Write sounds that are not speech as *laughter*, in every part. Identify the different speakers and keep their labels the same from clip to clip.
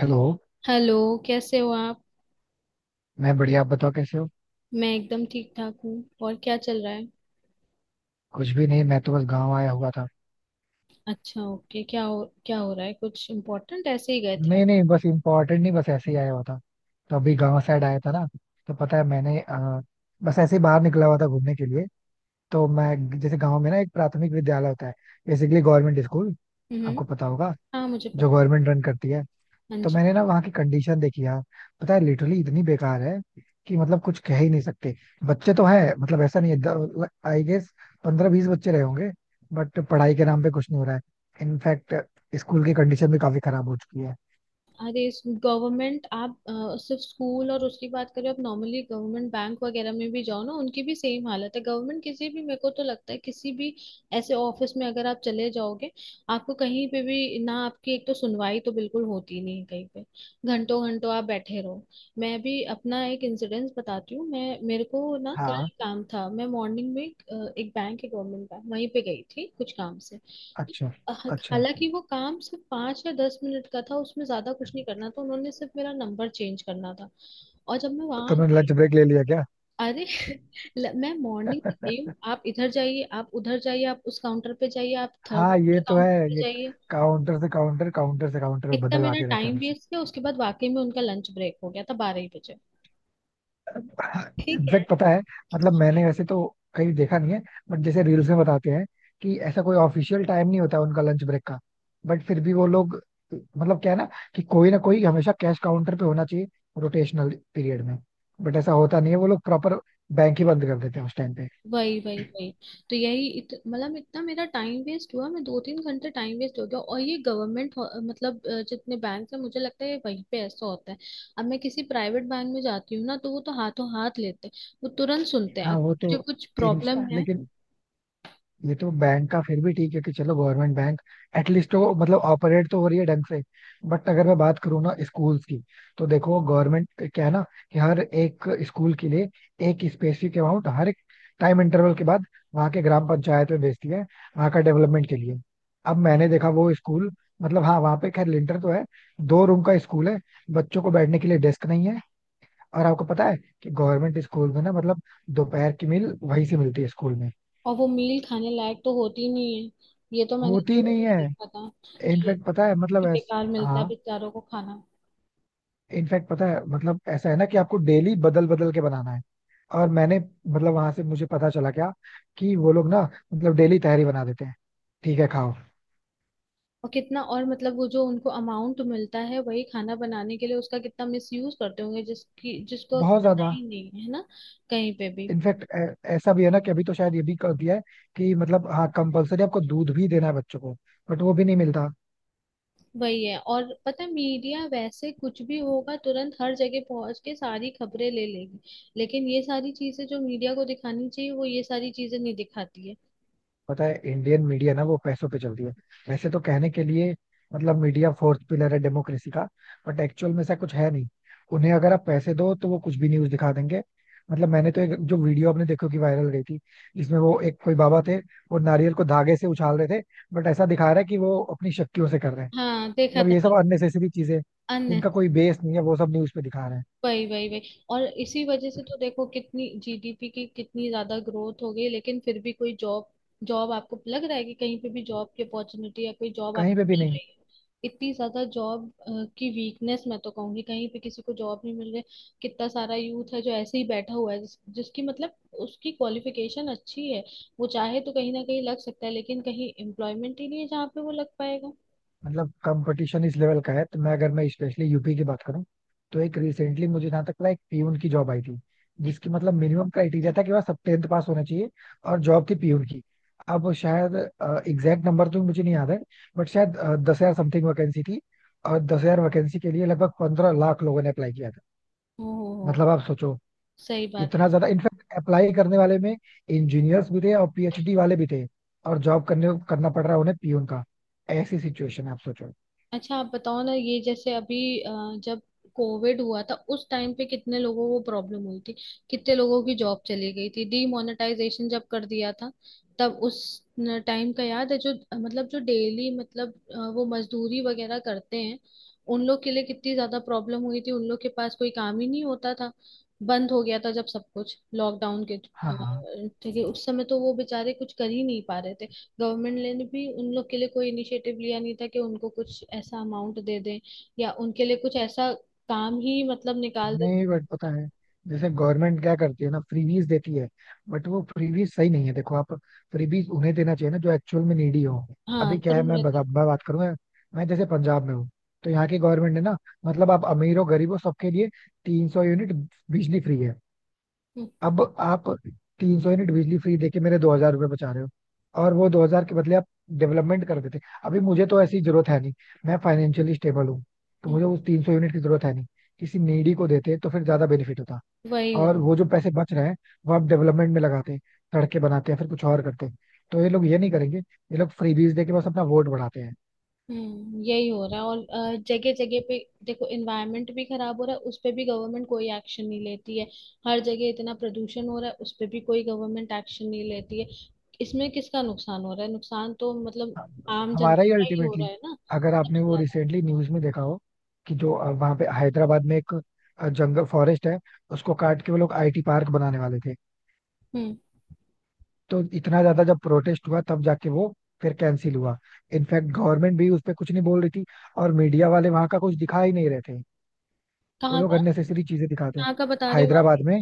Speaker 1: Hello.
Speaker 2: Hello. कैसे हो आप?
Speaker 1: मैं बढ़िया, आप बताओ कैसे हो।
Speaker 2: मैं एकदम ठीक ठाक हूँ। और क्या चल रहा है?
Speaker 1: कुछ भी नहीं, मैं तो बस गांव आया हुआ था।
Speaker 2: अच्छा, ओके, क्या हो, क्या हो रहा है, कुछ इम्पोर्टेंट ऐसे ही गए थे आप?
Speaker 1: नहीं नहीं, बस इम्पोर्टेंट नहीं, बस ऐसे ही आया हुआ था। तो अभी गांव साइड आया था ना, तो पता है मैंने बस ऐसे ही बाहर निकला हुआ था घूमने के लिए। तो मैं जैसे गांव में ना एक प्राथमिक विद्यालय होता है, बेसिकली गवर्नमेंट स्कूल,
Speaker 2: हम्म।
Speaker 1: आपको पता होगा,
Speaker 2: हाँ, मुझे
Speaker 1: जो
Speaker 2: पता।
Speaker 1: गवर्नमेंट रन करती है।
Speaker 2: हाँ
Speaker 1: तो
Speaker 2: जी।
Speaker 1: मैंने ना वहाँ की कंडीशन देखी यार, पता है लिटरली इतनी बेकार है कि मतलब कुछ कह ही नहीं सकते। बच्चे तो है, मतलब ऐसा नहीं है, आई गेस 15-20 बच्चे रहे होंगे। बट पढ़ाई के नाम पे कुछ नहीं हो रहा है। इनफैक्ट स्कूल की कंडीशन भी काफी खराब हो चुकी है।
Speaker 2: अरे, गवर्नमेंट आप सिर्फ स्कूल और उसकी बात करें, आप नॉर्मली गवर्नमेंट बैंक वगैरह में भी जाओ ना, उनकी भी सेम हालत है। गवर्नमेंट किसी भी, मेरे को तो लगता है किसी भी ऐसे ऑफिस में अगर आप चले जाओगे, आपको कहीं पे भी ना, आपकी एक तो सुनवाई तो बिल्कुल होती नहीं है कहीं पे। घंटों घंटों आप बैठे रहो। मैं भी अपना एक इंसिडेंस बताती हूँ। मैं, मेरे को ना कल
Speaker 1: हाँ।
Speaker 2: काम था, मैं मॉर्निंग में एक बैंक है गवर्नमेंट बैंक, वहीं पे गई थी कुछ काम से।
Speaker 1: अच्छा। अच्छा,
Speaker 2: हालांकि वो काम सिर्फ पाँच या दस मिनट का था, उसमें ज्यादा कुछ नहीं करना था, उन्होंने सिर्फ मेरा नंबर चेंज करना था। और जब मैं वहां
Speaker 1: तुमने
Speaker 2: गई,
Speaker 1: लंच ब्रेक ले लिया क्या?
Speaker 2: अरे *laughs* मैं मॉर्निंग में गई हूँ,
Speaker 1: *laughs*
Speaker 2: आप इधर जाइए, आप उधर जाइए, आप उस काउंटर पे जाइए, आप थर्ड
Speaker 1: हाँ,
Speaker 2: नंबर
Speaker 1: ये तो है।
Speaker 2: काउंटर पे
Speaker 1: ये
Speaker 2: जाइए।
Speaker 1: काउंटर से काउंटर, काउंटर से काउंटर
Speaker 2: इतना मेरा
Speaker 1: बदलवाते रहते हैं
Speaker 2: टाइम
Speaker 1: हमेशा।
Speaker 2: वेस्ट किया, उसके बाद वाकई में उनका लंच ब्रेक हो गया था बारह ही बजे। ठीक है।
Speaker 1: इनफैक्ट पता है, मतलब मैंने वैसे तो कहीं देखा नहीं है, बट जैसे रील्स में बताते हैं कि ऐसा कोई ऑफिशियल टाइम नहीं होता उनका लंच ब्रेक का। बट फिर भी वो लोग, मतलब क्या है ना कि कोई ना कोई हमेशा कैश काउंटर पे होना चाहिए रोटेशनल पीरियड में। बट ऐसा होता नहीं है, वो लोग प्रॉपर बैंक ही बंद कर देते हैं उस टाइम पे।
Speaker 2: वही वही वही। तो यही मतलब इतना मेरा टाइम वेस्ट हुआ, मैं दो तीन घंटे टाइम वेस्ट हो गया। और ये गवर्नमेंट मतलब जितने बैंक है, मुझे लगता है ये वहीं पे ऐसा होता है। अब मैं किसी प्राइवेट बैंक में जाती हूँ ना, तो वो तो हाथों हाथ लेते हैं। वो तुरंत सुनते हैं
Speaker 1: हाँ वो तो।
Speaker 2: जो कुछ
Speaker 1: इन,
Speaker 2: प्रॉब्लम है।
Speaker 1: लेकिन ये तो बैंक का फिर भी ठीक है कि चलो गवर्नमेंट बैंक एटलीस्ट तो मतलब ऑपरेट तो हो रही है ढंग से। बट अगर मैं बात करूँ ना स्कूल्स की, तो देखो गवर्नमेंट क्या है ना कि हर एक स्कूल के लिए एक स्पेसिफिक अमाउंट हर एक टाइम इंटरवल के बाद वहाँ के ग्राम पंचायत में भेजती है, वहाँ का डेवलपमेंट के लिए। अब मैंने देखा वो स्कूल, मतलब हाँ वहाँ पे खैर लिंटर तो है, 2 रूम का स्कूल है, बच्चों को बैठने के लिए डेस्क नहीं है। और आपको पता है कि गवर्नमेंट स्कूल में ना मतलब दोपहर की मील वहीं से मिलती है स्कूल में।
Speaker 2: और वो मील खाने लायक तो होती नहीं है। ये तो मैंने
Speaker 1: होती ही
Speaker 2: न्यूज
Speaker 1: नहीं
Speaker 2: में
Speaker 1: है।
Speaker 2: देखा था कि
Speaker 1: इनफैक्ट पता है, मतलब
Speaker 2: कि बेकार मिलता है
Speaker 1: हाँ,
Speaker 2: बेचारों को खाना।
Speaker 1: इनफैक्ट पता है मतलब ऐसा है ना कि आपको डेली बदल बदल के बनाना है। और मैंने मतलब वहां से मुझे पता चला क्या, कि वो लोग ना मतलब डेली तहरी बना देते हैं, ठीक है खाओ।
Speaker 2: और कितना, और मतलब वो जो उनको अमाउंट मिलता है वही खाना बनाने के लिए, उसका कितना मिस यूज करते होंगे जिसकी, जिसको
Speaker 1: बहुत
Speaker 2: पता
Speaker 1: ज्यादा।
Speaker 2: ही नहीं है ना कहीं पे भी।
Speaker 1: इनफैक्ट ऐसा भी है ना कि अभी तो शायद ये भी कर दिया है कि मतलब हाँ कंपलसरी आपको दूध भी देना है बच्चों को, बट वो भी नहीं मिलता।
Speaker 2: वही है। और पता है, मीडिया वैसे कुछ भी होगा तुरंत हर जगह पहुंच के सारी खबरें ले लेगी, लेकिन ये सारी चीजें जो मीडिया को दिखानी चाहिए, वो ये सारी चीजें नहीं दिखाती है।
Speaker 1: पता है इंडियन मीडिया ना वो पैसों पे चलती है। वैसे तो कहने के लिए मतलब मीडिया फोर्थ पिलर है डेमोक्रेसी का, बट एक्चुअल में ऐसा कुछ है नहीं। उन्हें अगर आप पैसे दो तो वो कुछ भी न्यूज दिखा देंगे। मतलब मैंने तो एक जो वीडियो आपने देखो कि वायरल गई थी, जिसमें वो एक कोई बाबा थे, वो नारियल को धागे से उछाल रहे थे, बट ऐसा दिखा रहा है कि वो अपनी शक्तियों से कर रहे हैं।
Speaker 2: हाँ, देखा
Speaker 1: मतलब
Speaker 2: था।
Speaker 1: ये सब अननेसेसरी चीजें,
Speaker 2: मैंने
Speaker 1: इनका कोई बेस नहीं है, वो सब न्यूज पे दिखा रहे हैं।
Speaker 2: वही वही वही। और इसी वजह से तो देखो, कितनी जीडीपी की कितनी ज्यादा ग्रोथ हो गई, लेकिन फिर भी कोई जॉब, जॉब आपको लग रहा है कि कहीं पे भी जॉब की अपॉर्चुनिटी या कोई जॉब
Speaker 1: कहीं पे
Speaker 2: आपको
Speaker 1: भी
Speaker 2: मिल
Speaker 1: नहीं।
Speaker 2: रही है? इतनी ज्यादा जॉब की वीकनेस, मैं तो कहूंगी कहीं पे किसी को जॉब नहीं मिल रही। कितना सारा यूथ है जो ऐसे ही बैठा हुआ है, जिसकी मतलब उसकी क्वालिफिकेशन अच्छी है, वो चाहे तो कहीं ना कहीं लग सकता है, लेकिन कहीं एम्प्लॉयमेंट ही नहीं है जहाँ पे वो लग पाएगा।
Speaker 1: मतलब कंपटीशन इस लेवल का है तो मैं अगर मैं स्पेशली यूपी की बात करूं, तो एक रिसेंटली मुझे जहां तक पता है, एक पीयून की जॉब आई थी जिसकी मतलब मिनिमम क्राइटेरिया था कि वह सब टेंथ पास होना चाहिए, और जॉब थी पीयून की। अब शायद एग्जैक्ट नंबर तो मुझे नहीं याद है, बट शायद 10,000 समथिंग वैकेंसी थी, और 10,000 वैकेंसी के लिए लगभग 15 लाख लोगों ने अप्लाई किया था।
Speaker 2: हो हो।
Speaker 1: मतलब आप सोचो,
Speaker 2: सही बात है।
Speaker 1: इतना ज्यादा। इनफैक्ट अप्लाई करने वाले में इंजीनियर्स भी थे और पीएचडी वाले भी थे, और जॉब करने करना पड़ रहा है उन्हें पीयून का। ऐसी सिचुएशन है, आप सोचो।
Speaker 2: अच्छा, आप बताओ ना, ये जैसे अभी जब कोविड हुआ था, उस टाइम पे कितने लोगों को प्रॉब्लम हुई थी, कितने लोगों की जॉब चली गई थी। डीमोनेटाइजेशन जब कर दिया था, तब उस टाइम का याद है? जो मतलब जो डेली मतलब वो मजदूरी वगैरह करते हैं, उन लोग के लिए कितनी ज्यादा प्रॉब्लम हुई थी। उन लोग के पास कोई काम ही नहीं होता था, बंद हो गया था जब सब कुछ लॉकडाउन के
Speaker 1: हाँ।
Speaker 2: ठीक है, उस समय तो वो बेचारे कुछ कर ही नहीं पा रहे थे। गवर्नमेंट ने भी उन लोग के लिए कोई इनिशिएटिव लिया नहीं था कि उनको कुछ ऐसा अमाउंट दे दें, या उनके लिए कुछ ऐसा काम ही मतलब निकाल दे।
Speaker 1: नहीं बट पता है, जैसे गवर्नमेंट क्या करती है ना, फ्रीबीज देती है, बट वो फ्रीबीज सही नहीं है। देखो आप, फ्रीबीज उन्हें देना चाहिए ना जो एक्चुअल में नीडी हो।
Speaker 2: हाँ,
Speaker 1: अभी क्या है,
Speaker 2: जरूर
Speaker 1: मैं
Speaker 2: रहता है।
Speaker 1: बता मैं बात करूँ, मैं जैसे पंजाब में हूँ, तो यहाँ की गवर्नमेंट ने ना, मतलब आप अमीर हो, गरीब हो, सबके लिए 300 यूनिट बिजली फ्री है।
Speaker 2: हम्म।
Speaker 1: अब आप 300 यूनिट बिजली फ्री देके मेरे 2,000 रुपये बचा रहे हो, और वो 2,000 के बदले आप डेवलपमेंट कर देते। अभी मुझे तो ऐसी जरूरत है नहीं, मैं फाइनेंशियली स्टेबल हूँ, तो
Speaker 2: हम्म।
Speaker 1: मुझे उस 300 यूनिट की जरूरत है नहीं। किसी नीडी को देते तो फिर ज्यादा बेनिफिट होता।
Speaker 2: वही हो।
Speaker 1: और वो जो पैसे बच रहे हैं, वो आप डेवलपमेंट में लगाते, सड़कें बनाते, हैं फिर कुछ और करते। तो ये लोग ये नहीं करेंगे, ये लोग फ्रीबीज देके बस अपना वोट बढ़ाते हैं।
Speaker 2: हम्म, यही हो रहा है और जगह जगह पे। देखो, एनवायरनमेंट भी खराब हो रहा है, उस पे भी गवर्नमेंट कोई एक्शन नहीं लेती है। हर जगह इतना प्रदूषण हो रहा है, उस पे भी कोई गवर्नमेंट एक्शन नहीं लेती है। इसमें किसका नुकसान हो रहा है? नुकसान तो मतलब
Speaker 1: हाँ,
Speaker 2: आम
Speaker 1: हमारा
Speaker 2: जनता
Speaker 1: ही
Speaker 2: का ही हो रहा
Speaker 1: अल्टीमेटली।
Speaker 2: है ना
Speaker 1: अगर आपने
Speaker 2: सबसे
Speaker 1: वो
Speaker 2: ज्यादा।
Speaker 1: रिसेंटली न्यूज में देखा हो कि जो वहाँ पे हैदराबाद में एक जंगल फॉरेस्ट है, उसको काट के वो लोग आईटी पार्क बनाने वाले थे।
Speaker 2: हम्म।
Speaker 1: तो इतना ज्यादा जब प्रोटेस्ट हुआ तब जाके वो फिर कैंसिल हुआ। इनफैक्ट गवर्नमेंट भी उस पर कुछ नहीं बोल रही थी, और मीडिया वाले वहां का कुछ दिखा ही नहीं रहे थे। वो
Speaker 2: कहाँ
Speaker 1: लोग
Speaker 2: का?
Speaker 1: अननेसेसरी चीजें दिखाते हैं।
Speaker 2: कहाँ का बता रहे हो आप?
Speaker 1: हैदराबाद में।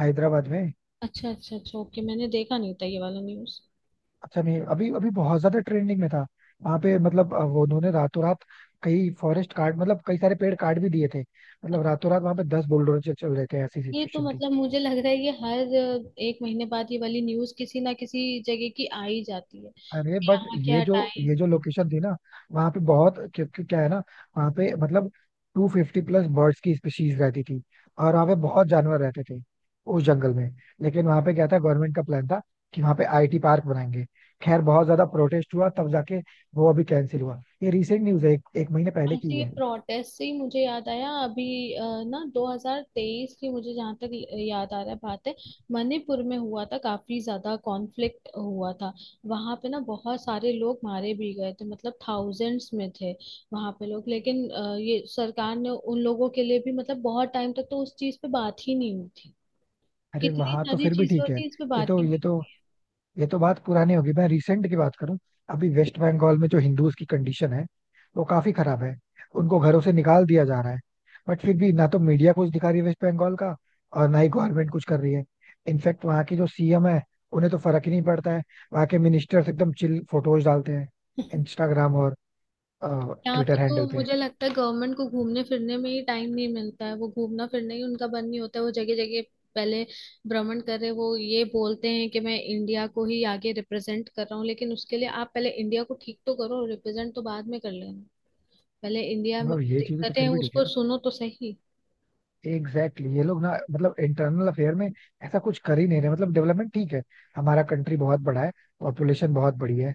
Speaker 1: हैदराबाद में।
Speaker 2: अच्छा अच्छा अच्छा, ओके, मैंने देखा नहीं था ये वाला न्यूज।
Speaker 1: अच्छा नहीं, अभी अभी बहुत ज्यादा ट्रेंडिंग में था। वहां पे मतलब वो उन्होंने रातों रात कई फॉरेस्ट काट, मतलब कई सारे पेड़ काट भी दिए थे, मतलब रातों रात वहां पे 10 बुलडोजर चल रहे थे, ऐसी
Speaker 2: ये तो
Speaker 1: सिचुएशन।
Speaker 2: मतलब मुझे लग रहा है, ये हर एक महीने बाद ये वाली न्यूज किसी ना किसी जगह की आ ही जाती है
Speaker 1: अरे
Speaker 2: कि
Speaker 1: बट
Speaker 2: यहाँ क्या
Speaker 1: ये जो
Speaker 2: हटाएं।
Speaker 1: ये जो लोकेशन थी ना, वहां पे बहुत, क्योंकि क्या है ना, वहां पे मतलब 250+ बर्ड्स की स्पीशीज रहती थी, और वहां पे बहुत जानवर रहते थे उस जंगल में। लेकिन वहां पे क्या था, गवर्नमेंट का प्लान था कि वहां पे आईटी पार्क बनाएंगे। खैर बहुत ज्यादा प्रोटेस्ट हुआ तब जाके वो अभी कैंसिल हुआ। ये रिसेंट न्यूज है, एक महीने पहले
Speaker 2: हाँ
Speaker 1: की
Speaker 2: जी,
Speaker 1: है।
Speaker 2: प्रोटेस्ट से ही मुझे याद आया अभी, अ, ना 2023 की मुझे जहाँ तक याद आ रहा है बात है, मणिपुर में हुआ था काफी ज्यादा कॉन्फ्लिक्ट हुआ था। वहां पे ना बहुत सारे लोग मारे भी गए थे, मतलब थाउजेंड्स में थे वहां पे लोग। लेकिन ये सरकार ने उन लोगों के लिए भी मतलब बहुत टाइम तक तो उस चीज पे बात ही नहीं हुई थी।
Speaker 1: अरे
Speaker 2: कितनी
Speaker 1: वहां तो
Speaker 2: सारी
Speaker 1: फिर भी
Speaker 2: चीजें
Speaker 1: ठीक
Speaker 2: होती
Speaker 1: है।
Speaker 2: है, इस पे
Speaker 1: ये
Speaker 2: बात
Speaker 1: तो
Speaker 2: ही नहीं।
Speaker 1: ये तो ये तो बात पुरानी होगी, मैं रिसेंट की बात करूं। अभी वेस्ट बंगाल में जो हिंदूज की कंडीशन है वो काफी खराब है, उनको घरों से निकाल दिया जा रहा है। बट फिर भी ना तो मीडिया कुछ दिखा रही है वेस्ट बंगाल का, और ना ही गवर्नमेंट कुछ कर रही है। इनफैक्ट वहाँ की जो सीएम है, उन्हें तो फर्क ही नहीं पड़ता है। वहाँ के मिनिस्टर्स एकदम चिल फोटोज डालते हैं इंस्टाग्राम और
Speaker 2: यहाँ पे
Speaker 1: ट्विटर
Speaker 2: तो
Speaker 1: हैंडल पे।
Speaker 2: मुझे लगता है गवर्नमेंट को घूमने फिरने में ही टाइम नहीं मिलता है, वो घूमना फिरना ही उनका बंद नहीं होता है। वो जगह जगह पहले भ्रमण कर रहे, वो ये बोलते हैं कि मैं इंडिया को ही आगे रिप्रेजेंट कर रहा हूँ, लेकिन उसके लिए आप पहले इंडिया को ठीक तो करो, रिप्रेजेंट तो बाद में कर लेना। पहले इंडिया में
Speaker 1: मतलब
Speaker 2: जो
Speaker 1: ये चीजें तो
Speaker 2: दिक्कतें हैं
Speaker 1: फिर भी ठीक
Speaker 2: उसको
Speaker 1: है।
Speaker 2: सुनो तो सही।
Speaker 1: Exactly exactly। ये लोग ना मतलब इंटरनल अफेयर में ऐसा कुछ कर ही नहीं रहे। मतलब डेवलपमेंट ठीक है, हमारा कंट्री बहुत बड़ा है, पॉपुलेशन बहुत बड़ी है,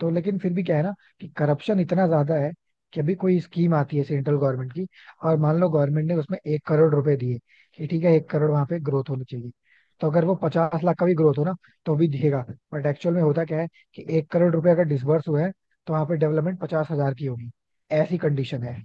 Speaker 1: तो लेकिन फिर भी क्या है ना कि करप्शन इतना ज्यादा है कि अभी कोई स्कीम आती है सेंट्रल गवर्नमेंट की, और मान लो गवर्नमेंट ने उसमें 1 करोड़ रुपए दिए कि ठीक है, 1 करोड़ वहां पे ग्रोथ होनी चाहिए। तो अगर वो 50 लाख का भी ग्रोथ हो ना, तो भी दिखेगा। बट एक्चुअल में होता क्या है, कि 1 करोड़ रुपए अगर डिसबर्स हुए हैं, तो वहां पे डेवलपमेंट 50,000 की होगी। ऐसी कंडीशन है।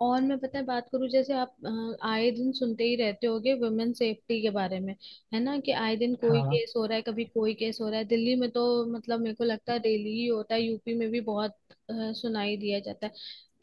Speaker 2: और मैं पता है बात करूं, जैसे आप आए दिन सुनते ही रहते होगे वुमेन सेफ्टी के बारे में, है ना? कि आए दिन कोई
Speaker 1: हाँ।
Speaker 2: केस हो रहा है, कभी कोई केस हो रहा है दिल्ली में तो, मतलब मेरे को लगता है डेली ही होता है। यूपी में भी बहुत सुनाई दिया जाता है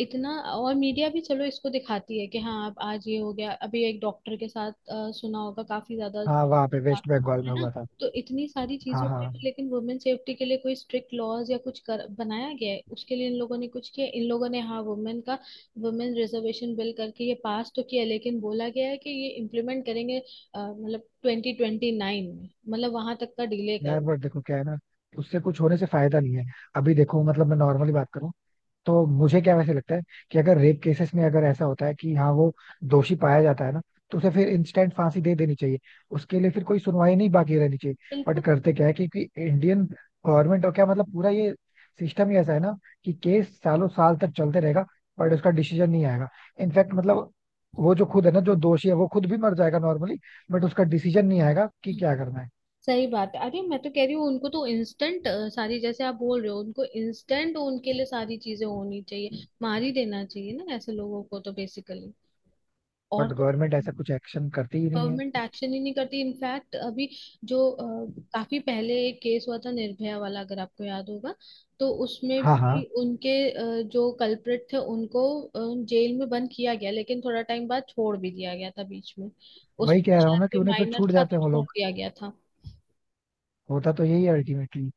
Speaker 2: इतना। और मीडिया भी चलो इसको दिखाती है कि हाँ, अब आज ये हो गया, अभी एक डॉक्टर के साथ सुना होगा काफी ज्यादा
Speaker 1: हाँ वहां पे
Speaker 2: था,
Speaker 1: वेस्ट बंगाल
Speaker 2: है
Speaker 1: में
Speaker 2: ना?
Speaker 1: हुआ था।
Speaker 2: तो इतनी सारी चीजें
Speaker 1: हाँ
Speaker 2: होती
Speaker 1: हाँ।
Speaker 2: है, लेकिन वुमेन सेफ्टी के लिए कोई स्ट्रिक्ट लॉज या कुछ बनाया गया है उसके लिए? इन लोगों ने कुछ किया? इन लोगों ने हाँ वुमेन का, वुमेन रिजर्वेशन बिल करके ये पास तो किया, लेकिन बोला गया है कि ये इम्प्लीमेंट करेंगे मतलब 2029 में, मतलब वहां तक का डिले
Speaker 1: यार
Speaker 2: कर।
Speaker 1: बट देखो क्या है ना, उससे कुछ होने से फायदा नहीं है। अभी देखो मतलब मैं नॉर्मली बात करूं तो मुझे क्या वैसे लगता है कि अगर रेप केसेस में अगर ऐसा होता है कि हाँ वो दोषी पाया जाता है ना, तो उसे फिर इंस्टेंट फांसी दे देनी चाहिए, उसके लिए फिर कोई सुनवाई नहीं बाकी रहनी चाहिए। बट
Speaker 2: बिल्कुल।
Speaker 1: करते क्या है कि इंडियन गवर्नमेंट और क्या मतलब पूरा ये सिस्टम ही ऐसा है ना कि केस सालों साल तक चलते रहेगा, बट उसका डिसीजन नहीं आएगा। इनफैक्ट मतलब वो जो खुद है ना जो दोषी है, वो खुद भी मर जाएगा नॉर्मली, बट उसका डिसीजन नहीं आएगा कि क्या करना है।
Speaker 2: सही बात है। अरे मैं तो कह रही हूँ उनको तो इंस्टेंट सारी, जैसे आप बोल रहे हो उनको इंस्टेंट, उनके लिए सारी चीजें होनी चाहिए। मार ही देना चाहिए ना ऐसे लोगों को तो बेसिकली। और
Speaker 1: बट
Speaker 2: तो,
Speaker 1: गवर्नमेंट ऐसा कुछ एक्शन करती ही नहीं है।
Speaker 2: गवर्नमेंट एक्शन ही नहीं करती। इनफैक्ट अभी जो काफी पहले एक केस हुआ था निर्भया वाला, अगर आपको याद होगा, तो उसमें
Speaker 1: हाँ
Speaker 2: भी
Speaker 1: हाँ,
Speaker 2: उनके जो कल्प्रिट थे उनको जेल में बंद किया गया, लेकिन थोड़ा टाइम बाद छोड़ भी दिया गया था बीच में। उस,
Speaker 1: वही कह रहा हूँ
Speaker 2: शायद
Speaker 1: ना कि
Speaker 2: कोई
Speaker 1: उन्हें फिर
Speaker 2: माइनर
Speaker 1: छूट
Speaker 2: था तो
Speaker 1: जाते हैं वो
Speaker 2: छोड़
Speaker 1: लोग।
Speaker 2: दिया गया था।
Speaker 1: होता तो यही है अल्टीमेटली।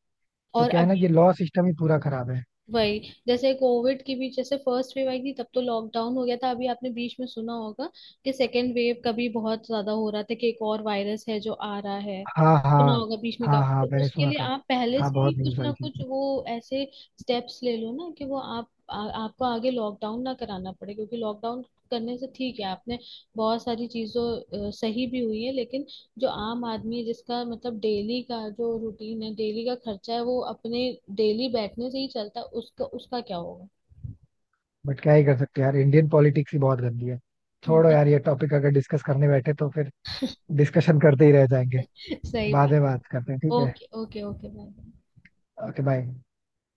Speaker 1: तो
Speaker 2: और
Speaker 1: क्या है ना, ये
Speaker 2: अभी
Speaker 1: लॉ सिस्टम ही पूरा खराब है।
Speaker 2: वही, जैसे कोविड की भी जैसे फर्स्ट वेव आई थी तब तो लॉकडाउन हो गया था, अभी आपने बीच में सुना होगा कि सेकेंड वेव का भी बहुत ज्यादा हो रहा था, कि एक और वायरस है जो आ रहा है।
Speaker 1: हाँ।
Speaker 2: सुना
Speaker 1: हाँ
Speaker 2: होगा बीच में
Speaker 1: हाँ हाँ
Speaker 2: काफी। तो
Speaker 1: मैंने
Speaker 2: उसके
Speaker 1: सुना
Speaker 2: लिए
Speaker 1: था,
Speaker 2: आप पहले
Speaker 1: हाँ
Speaker 2: से ही
Speaker 1: बहुत
Speaker 2: कुछ
Speaker 1: न्यूज
Speaker 2: ना
Speaker 1: आई थी।
Speaker 2: कुछ वो ऐसे स्टेप्स ले लो ना, कि वो आप आपको आगे लॉकडाउन ना कराना पड़े। क्योंकि लॉकडाउन करने से ठीक है, आपने बहुत सारी चीजों सही भी हुई है, लेकिन जो आम आदमी है, जिसका मतलब डेली का जो रूटीन है, डेली का खर्चा है, वो अपने डेली बैठने से ही चलता है, उसका, उसका क्या होगा?
Speaker 1: बट क्या ही कर सकते हैं यार, इंडियन पॉलिटिक्स ही बहुत गंदी है। छोड़ो
Speaker 2: बहुत
Speaker 1: यार ये टॉपिक, अगर डिस्कस करने बैठे तो फिर डिस्कशन करते ही रह जाएंगे।
Speaker 2: सही
Speaker 1: बाद
Speaker 2: बात।
Speaker 1: में बात करते हैं, ठीक है?
Speaker 2: Okay okay okay, bye bye.
Speaker 1: Okay bye.